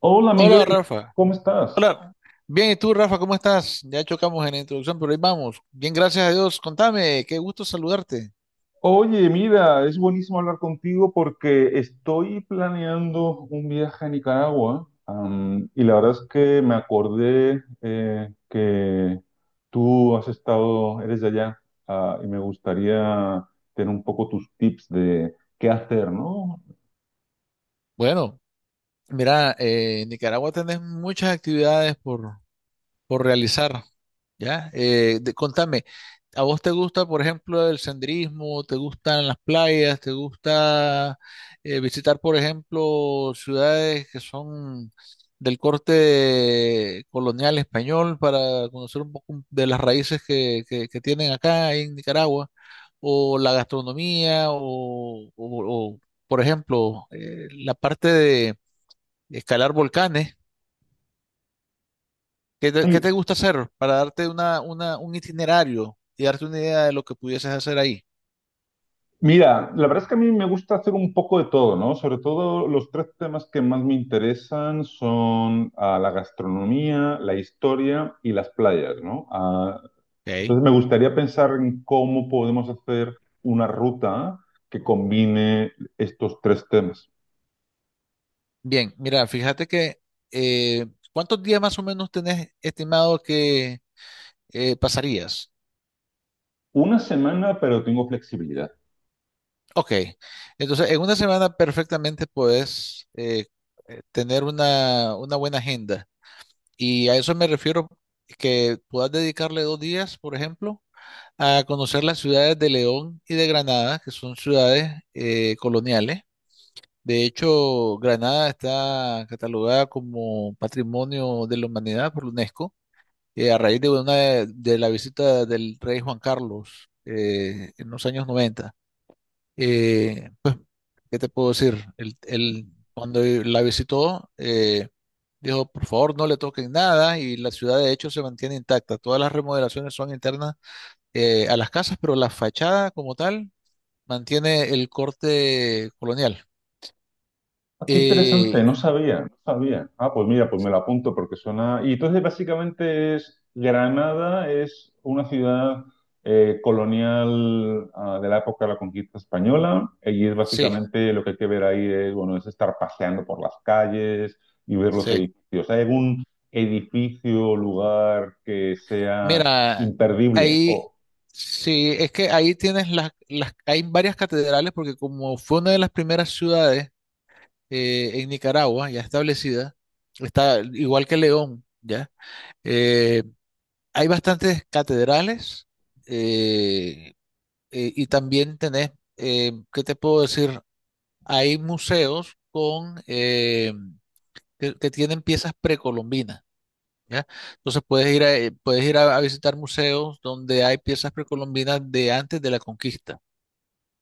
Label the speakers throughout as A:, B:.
A: Hola,
B: Hola
A: Miguel,
B: Rafa,
A: ¿cómo estás?
B: hola. Bien, ¿y tú Rafa, cómo estás? Ya chocamos en la introducción, pero ahí vamos. Bien, gracias a Dios. Contame, qué gusto saludarte.
A: Oye, mira, es buenísimo hablar contigo porque estoy planeando un viaje a Nicaragua, y la verdad es que me acordé que tú has estado, eres de allá, y me gustaría tener un poco tus tips de qué hacer, ¿no?
B: Bueno, mira, en Nicaragua tenés muchas actividades por realizar, ¿ya? Contame, ¿a vos te gusta, por ejemplo, el senderismo? ¿Te gustan las playas? ¿Te gusta visitar, por ejemplo, ciudades que son del corte colonial español para conocer un poco de las raíces que tienen acá en Nicaragua? ¿O la gastronomía? ¿O, por ejemplo, la parte de escalar volcanes? ¿Qué te gusta hacer para darte un itinerario y darte una idea de lo que pudieses hacer ahí?
A: Mira, la verdad es que a mí me gusta hacer un poco de todo, ¿no? Sobre todo los tres temas que más me interesan son la gastronomía, la historia y las playas, ¿no? Ah,
B: Ok.
A: entonces me gustaría pensar en cómo podemos hacer una ruta que combine estos tres temas.
B: Bien, mira, fíjate que eh, ¿cuántos días más o menos tenés estimado que pasarías?
A: Una semana, pero tengo flexibilidad.
B: Ok, entonces en una semana perfectamente puedes tener una buena agenda y a eso me refiero que puedas dedicarle 2 días, por ejemplo, a conocer las ciudades de León y de Granada, que son ciudades coloniales. De hecho, Granada está catalogada como Patrimonio de la Humanidad por la UNESCO, a raíz de la visita del rey Juan Carlos en los años 90. Eh, ¿Qué te puedo decir? Cuando la visitó, dijo, por favor, no le toquen nada y la ciudad de hecho se mantiene intacta. Todas las remodelaciones son internas a las casas, pero la fachada como tal mantiene el corte colonial.
A: Ah, qué interesante,
B: Eh,
A: no sabía, no sabía. Ah, pues mira, pues me lo apunto porque suena. Y entonces básicamente es Granada es una ciudad colonial, de la época de la conquista española, y es
B: sí.
A: básicamente lo que hay que ver ahí, es bueno, es estar paseando por las calles y ver los
B: Sí,
A: edificios. ¿Hay algún edificio o lugar que sea
B: mira,
A: imperdible?
B: ahí
A: Oh,
B: sí, es que ahí tienes hay varias catedrales porque como fue una de las primeras ciudades en Nicaragua ya establecida, está igual que León, ¿ya? Eh, Hay bastantes catedrales eh, y también tenés, ¿qué te puedo decir? Hay museos que tienen piezas precolombinas. ¿Ya? Entonces puedes ir a visitar museos donde hay piezas precolombinas de antes de la conquista,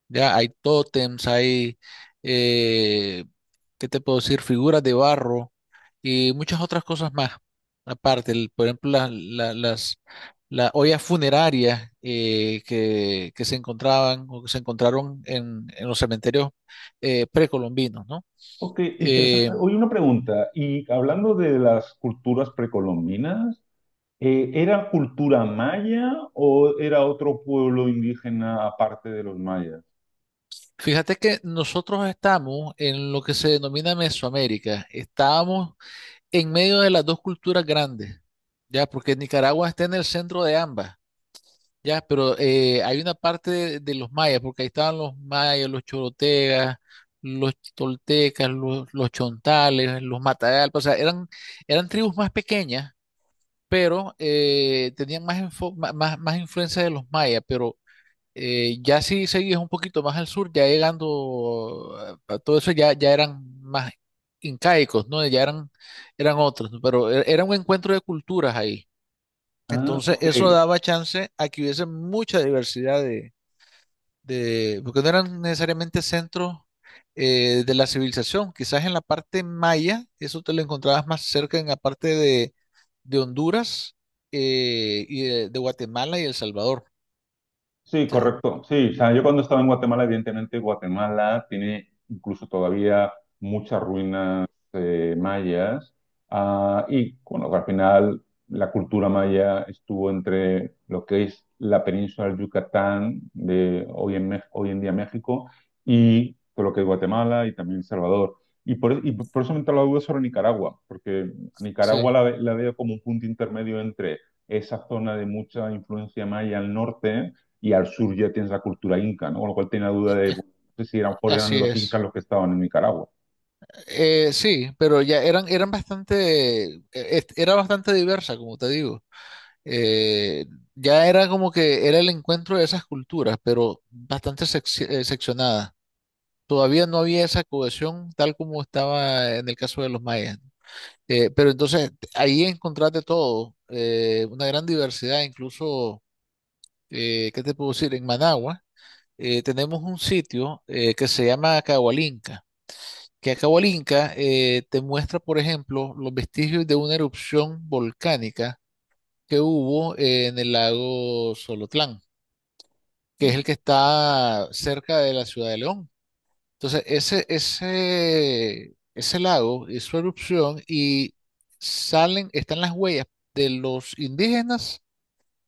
B: ¿ya? Hay tótems, eh, ¿qué te puedo decir? Figuras de barro y muchas otras cosas más. Aparte, por ejemplo, las ollas funerarias que se encontraban o que se encontraron en los cementerios precolombinos, ¿no?
A: ok, interesante.
B: Eh,
A: Oye, una pregunta. Y hablando de las culturas precolombinas. ¿Era cultura maya o era otro pueblo indígena aparte de los mayas?
B: Fíjate que nosotros estamos en lo que se denomina Mesoamérica. Estábamos en medio de las dos culturas grandes, ya, porque Nicaragua está en el centro de ambas, ya, pero hay una parte de los mayas, porque ahí estaban los mayas, los chorotegas, los toltecas, los chontales, los matagalpas, o sea, eran tribus más pequeñas, pero tenían más, info- ma- más, más influencia de los mayas, pero ya si seguís un poquito más al sur, ya llegando a todo eso, ya eran más incaicos, ¿no? Eran otros, ¿no? Pero era un encuentro de culturas ahí.
A: Ah,
B: Entonces,
A: ok.
B: eso daba chance a que hubiese mucha diversidad porque no eran necesariamente centros de la civilización. Quizás en la parte maya, eso te lo encontrabas más cerca en la parte de Honduras y de Guatemala y El Salvador. O
A: Sí,
B: sea,
A: correcto. Sí, o sea, yo cuando estaba en Guatemala, evidentemente Guatemala tiene incluso todavía muchas ruinas mayas. Ah, y bueno, al final la cultura maya estuvo entre lo que es la península del Yucatán de hoy en, hoy en día México, y todo lo que es Guatemala y también El Salvador. Y por eso me entró la duda sobre Nicaragua, porque Nicaragua
B: sí,
A: la, la veo como un punto intermedio entre esa zona de mucha influencia maya al norte, y al sur ya tienes la cultura inca, ¿no? Con lo cual tenía la duda de bueno, no sé si eran
B: así
A: los incas
B: es.
A: los que estaban en Nicaragua.
B: Sí, pero ya eran era bastante diversa, como te digo. Eh, ya era como que era el encuentro de esas culturas, pero seccionada. Todavía no había esa cohesión tal como estaba en el caso de los mayas. Pero entonces ahí encontraste todo, una gran diversidad, incluso, ¿qué te puedo decir? En Managua tenemos un sitio que se llama Cahualinca que acabó el Inca, te muestra, por ejemplo, los vestigios de una erupción volcánica que hubo en el lago Solotlán, que es el que está cerca de la ciudad de León. Entonces, ese lago hizo erupción y salen, están las huellas de los indígenas,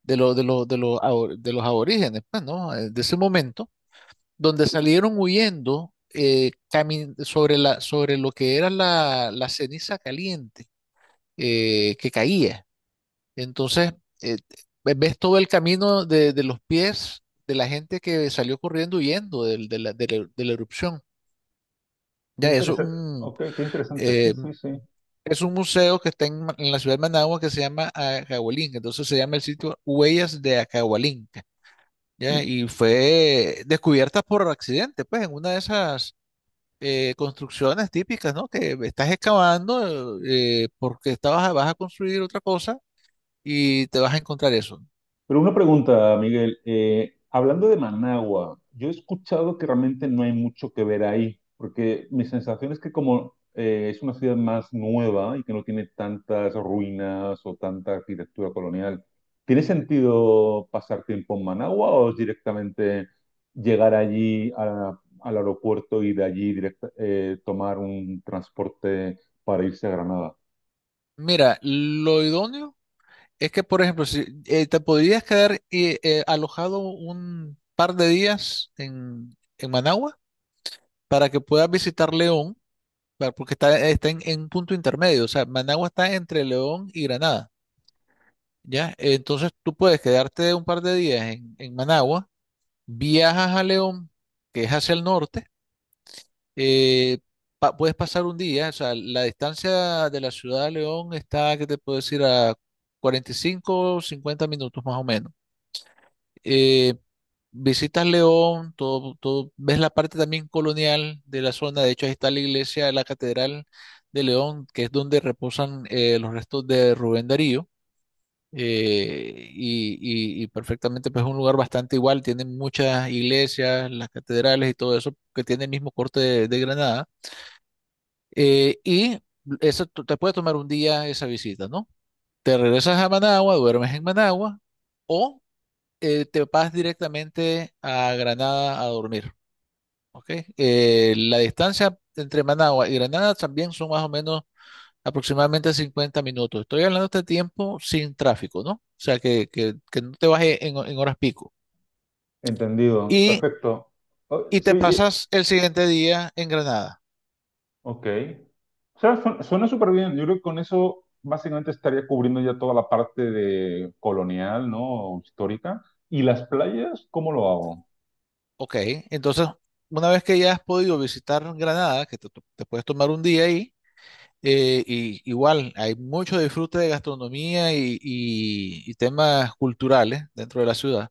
B: de los aborígenes, pues, ¿no? De ese momento donde salieron huyendo sobre sobre lo que era la ceniza caliente que caía. Entonces, eh, ves todo el camino de los pies de la gente que salió corriendo huyendo de la erupción.
A: Qué
B: Ya, eso
A: interesante, ok, qué interesante, sí,
B: eh,
A: sí, sí.
B: es un museo que está en la ciudad de Managua que se llama Acahualinca. Entonces se llama el sitio Huellas de Acahualinca. Ya, y fue descubierta por accidente, pues en una de esas construcciones típicas, ¿no? Que estás excavando porque estabas, vas a construir otra cosa y te vas a encontrar eso.
A: Pero una pregunta, Miguel. Hablando de Managua, yo he escuchado que realmente no hay mucho que ver ahí, porque mi sensación es que como es una ciudad más nueva y que no tiene tantas ruinas o tanta arquitectura colonial, ¿tiene sentido pasar tiempo en Managua o es directamente llegar allí al aeropuerto y de allí tomar un transporte para irse a Granada?
B: Mira, lo idóneo es que, por ejemplo, si te podrías quedar alojado un par de días en Managua para que puedas visitar León, porque está, está en punto intermedio, o sea, Managua está entre León y Granada, ¿ya? Entonces tú puedes quedarte un par de días en Managua, viajas a León, que es hacia el norte, eh, puedes pasar un día, o sea, la distancia de la ciudad de León está, que te puedo decir, a 45, 50 minutos más o menos. Eh, Visitas León, ves la parte también colonial de la zona, de hecho ahí está la iglesia, de la Catedral de León, que es donde reposan los restos de Rubén Darío. eh, y, y perfectamente pues es un lugar bastante igual, tienen muchas iglesias, las catedrales y todo eso que tiene el mismo corte de Granada. Y te puede tomar un día esa visita, ¿no? Te regresas a Managua, duermes en Managua o te vas directamente a Granada a dormir, ¿ok? La distancia entre Managua y Granada también son más o menos aproximadamente 50 minutos. Estoy hablando de este tiempo sin tráfico, ¿no? O sea, que no te bajes en horas pico.
A: Entendido,
B: Y,
A: perfecto. Oh,
B: y
A: sí,
B: te pasas el siguiente día en Granada.
A: ok. O sea, suena súper bien. Yo creo que con eso básicamente estaría cubriendo ya toda la parte de colonial, ¿no? Histórica. ¿Y las playas? ¿Cómo lo hago?
B: Ok, entonces, una vez que ya has podido visitar Granada, te puedes tomar un día ahí, y igual hay mucho disfrute de gastronomía y temas culturales dentro de la ciudad.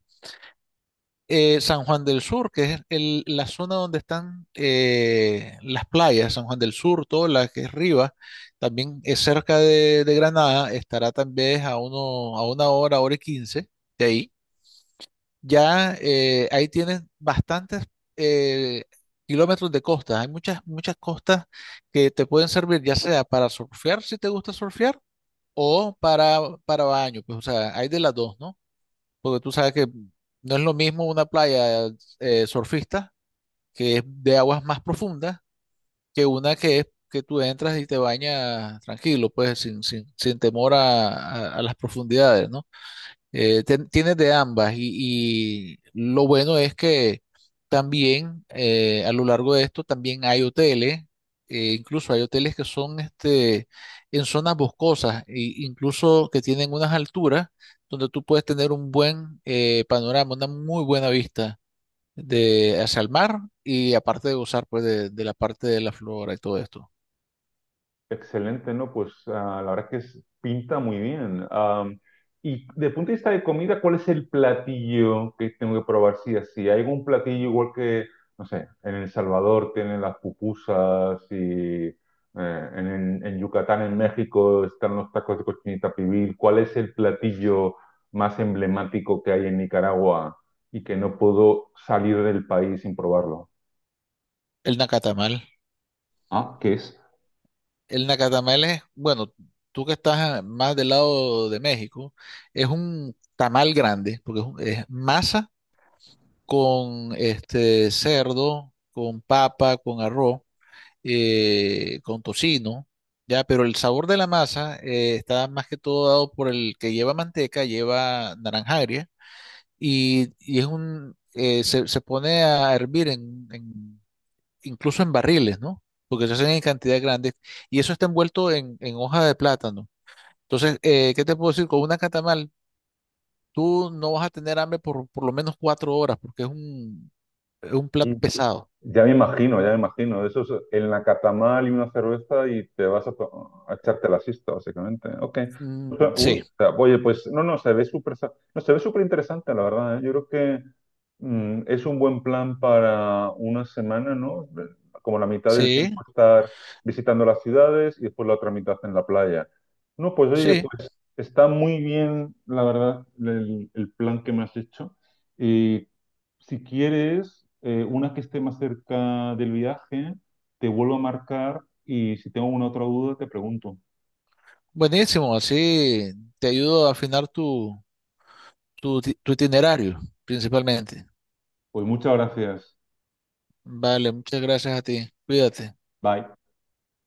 B: San Juan del Sur, que es la zona donde están las playas, San Juan del Sur, toda la que es Rivas, también es cerca de Granada, estará también a una hora, hora y quince de ahí. Ya ahí tienes bastantes eh, kilómetros de costa. Hay muchas costas que te pueden servir, ya sea para surfear, si te gusta surfear, o para, para baño. Pues, o sea, hay de las dos, ¿no? Porque tú sabes que no es lo mismo una playa surfista, que es de aguas más profundas, que una que es que tú entras y te bañas tranquilo, pues sin temor a las profundidades, ¿no? Tienes de ambas y lo bueno es que también a lo largo de esto también hay hoteles, incluso hay hoteles que son este, en zonas boscosas, e incluso que tienen unas alturas donde tú puedes tener un buen panorama, una muy buena vista hacia el mar y aparte de gozar pues, de la parte de la flora y todo esto.
A: Excelente, ¿no? Pues ah, la verdad que pinta muy bien. Y de punto de vista de comida, ¿cuál es el platillo que tengo que probar? Sí, así. ¿Hay algún platillo igual que, no sé, en El Salvador tienen las pupusas y en, en Yucatán, en México, están los tacos de cochinita pibil? ¿Cuál es el platillo más emblemático que hay en Nicaragua y que no puedo salir del país sin probarlo?
B: El Nacatamal.
A: Ah, ¿qué es?
B: El nacatamal es, bueno, tú que estás más del lado de México, es un tamal grande, porque es masa con este cerdo, con papa, con arroz, con tocino, ya, pero el sabor de la masa está más que todo dado por el que lleva manteca, lleva naranja agria, y es se pone a hervir en incluso en barriles, ¿no? Porque se hacen en cantidades grandes y eso está envuelto en hoja de plátano. Entonces, ¿qué te puedo decir? Con una catamal, tú no vas a tener hambre por lo menos 4 horas porque es un plato pesado.
A: Ya me imagino, ya me imagino. Eso es en la catamal y una cerveza y te vas a, a echarte la siesta, básicamente. Ok.
B: Mm,
A: O sea, uy,
B: sí,
A: o sea, oye, pues no, no, se ve súper, no, se ve súper interesante, la verdad, ¿eh? Yo creo que es un buen plan para una semana, ¿no? Como la mitad del
B: sí,
A: tiempo estar visitando las ciudades y después la otra mitad en la playa. No, pues oye,
B: sí.
A: pues está muy bien, la verdad, el plan que me has hecho. Y si quieres, una que esté más cerca del viaje, te vuelvo a marcar y si tengo una otra duda, te pregunto.
B: Buenísimo, así te ayudo a afinar tu itinerario, principalmente.
A: Pues muchas gracias.
B: Vale, muchas gracias a ti. Cuídate.
A: Bye.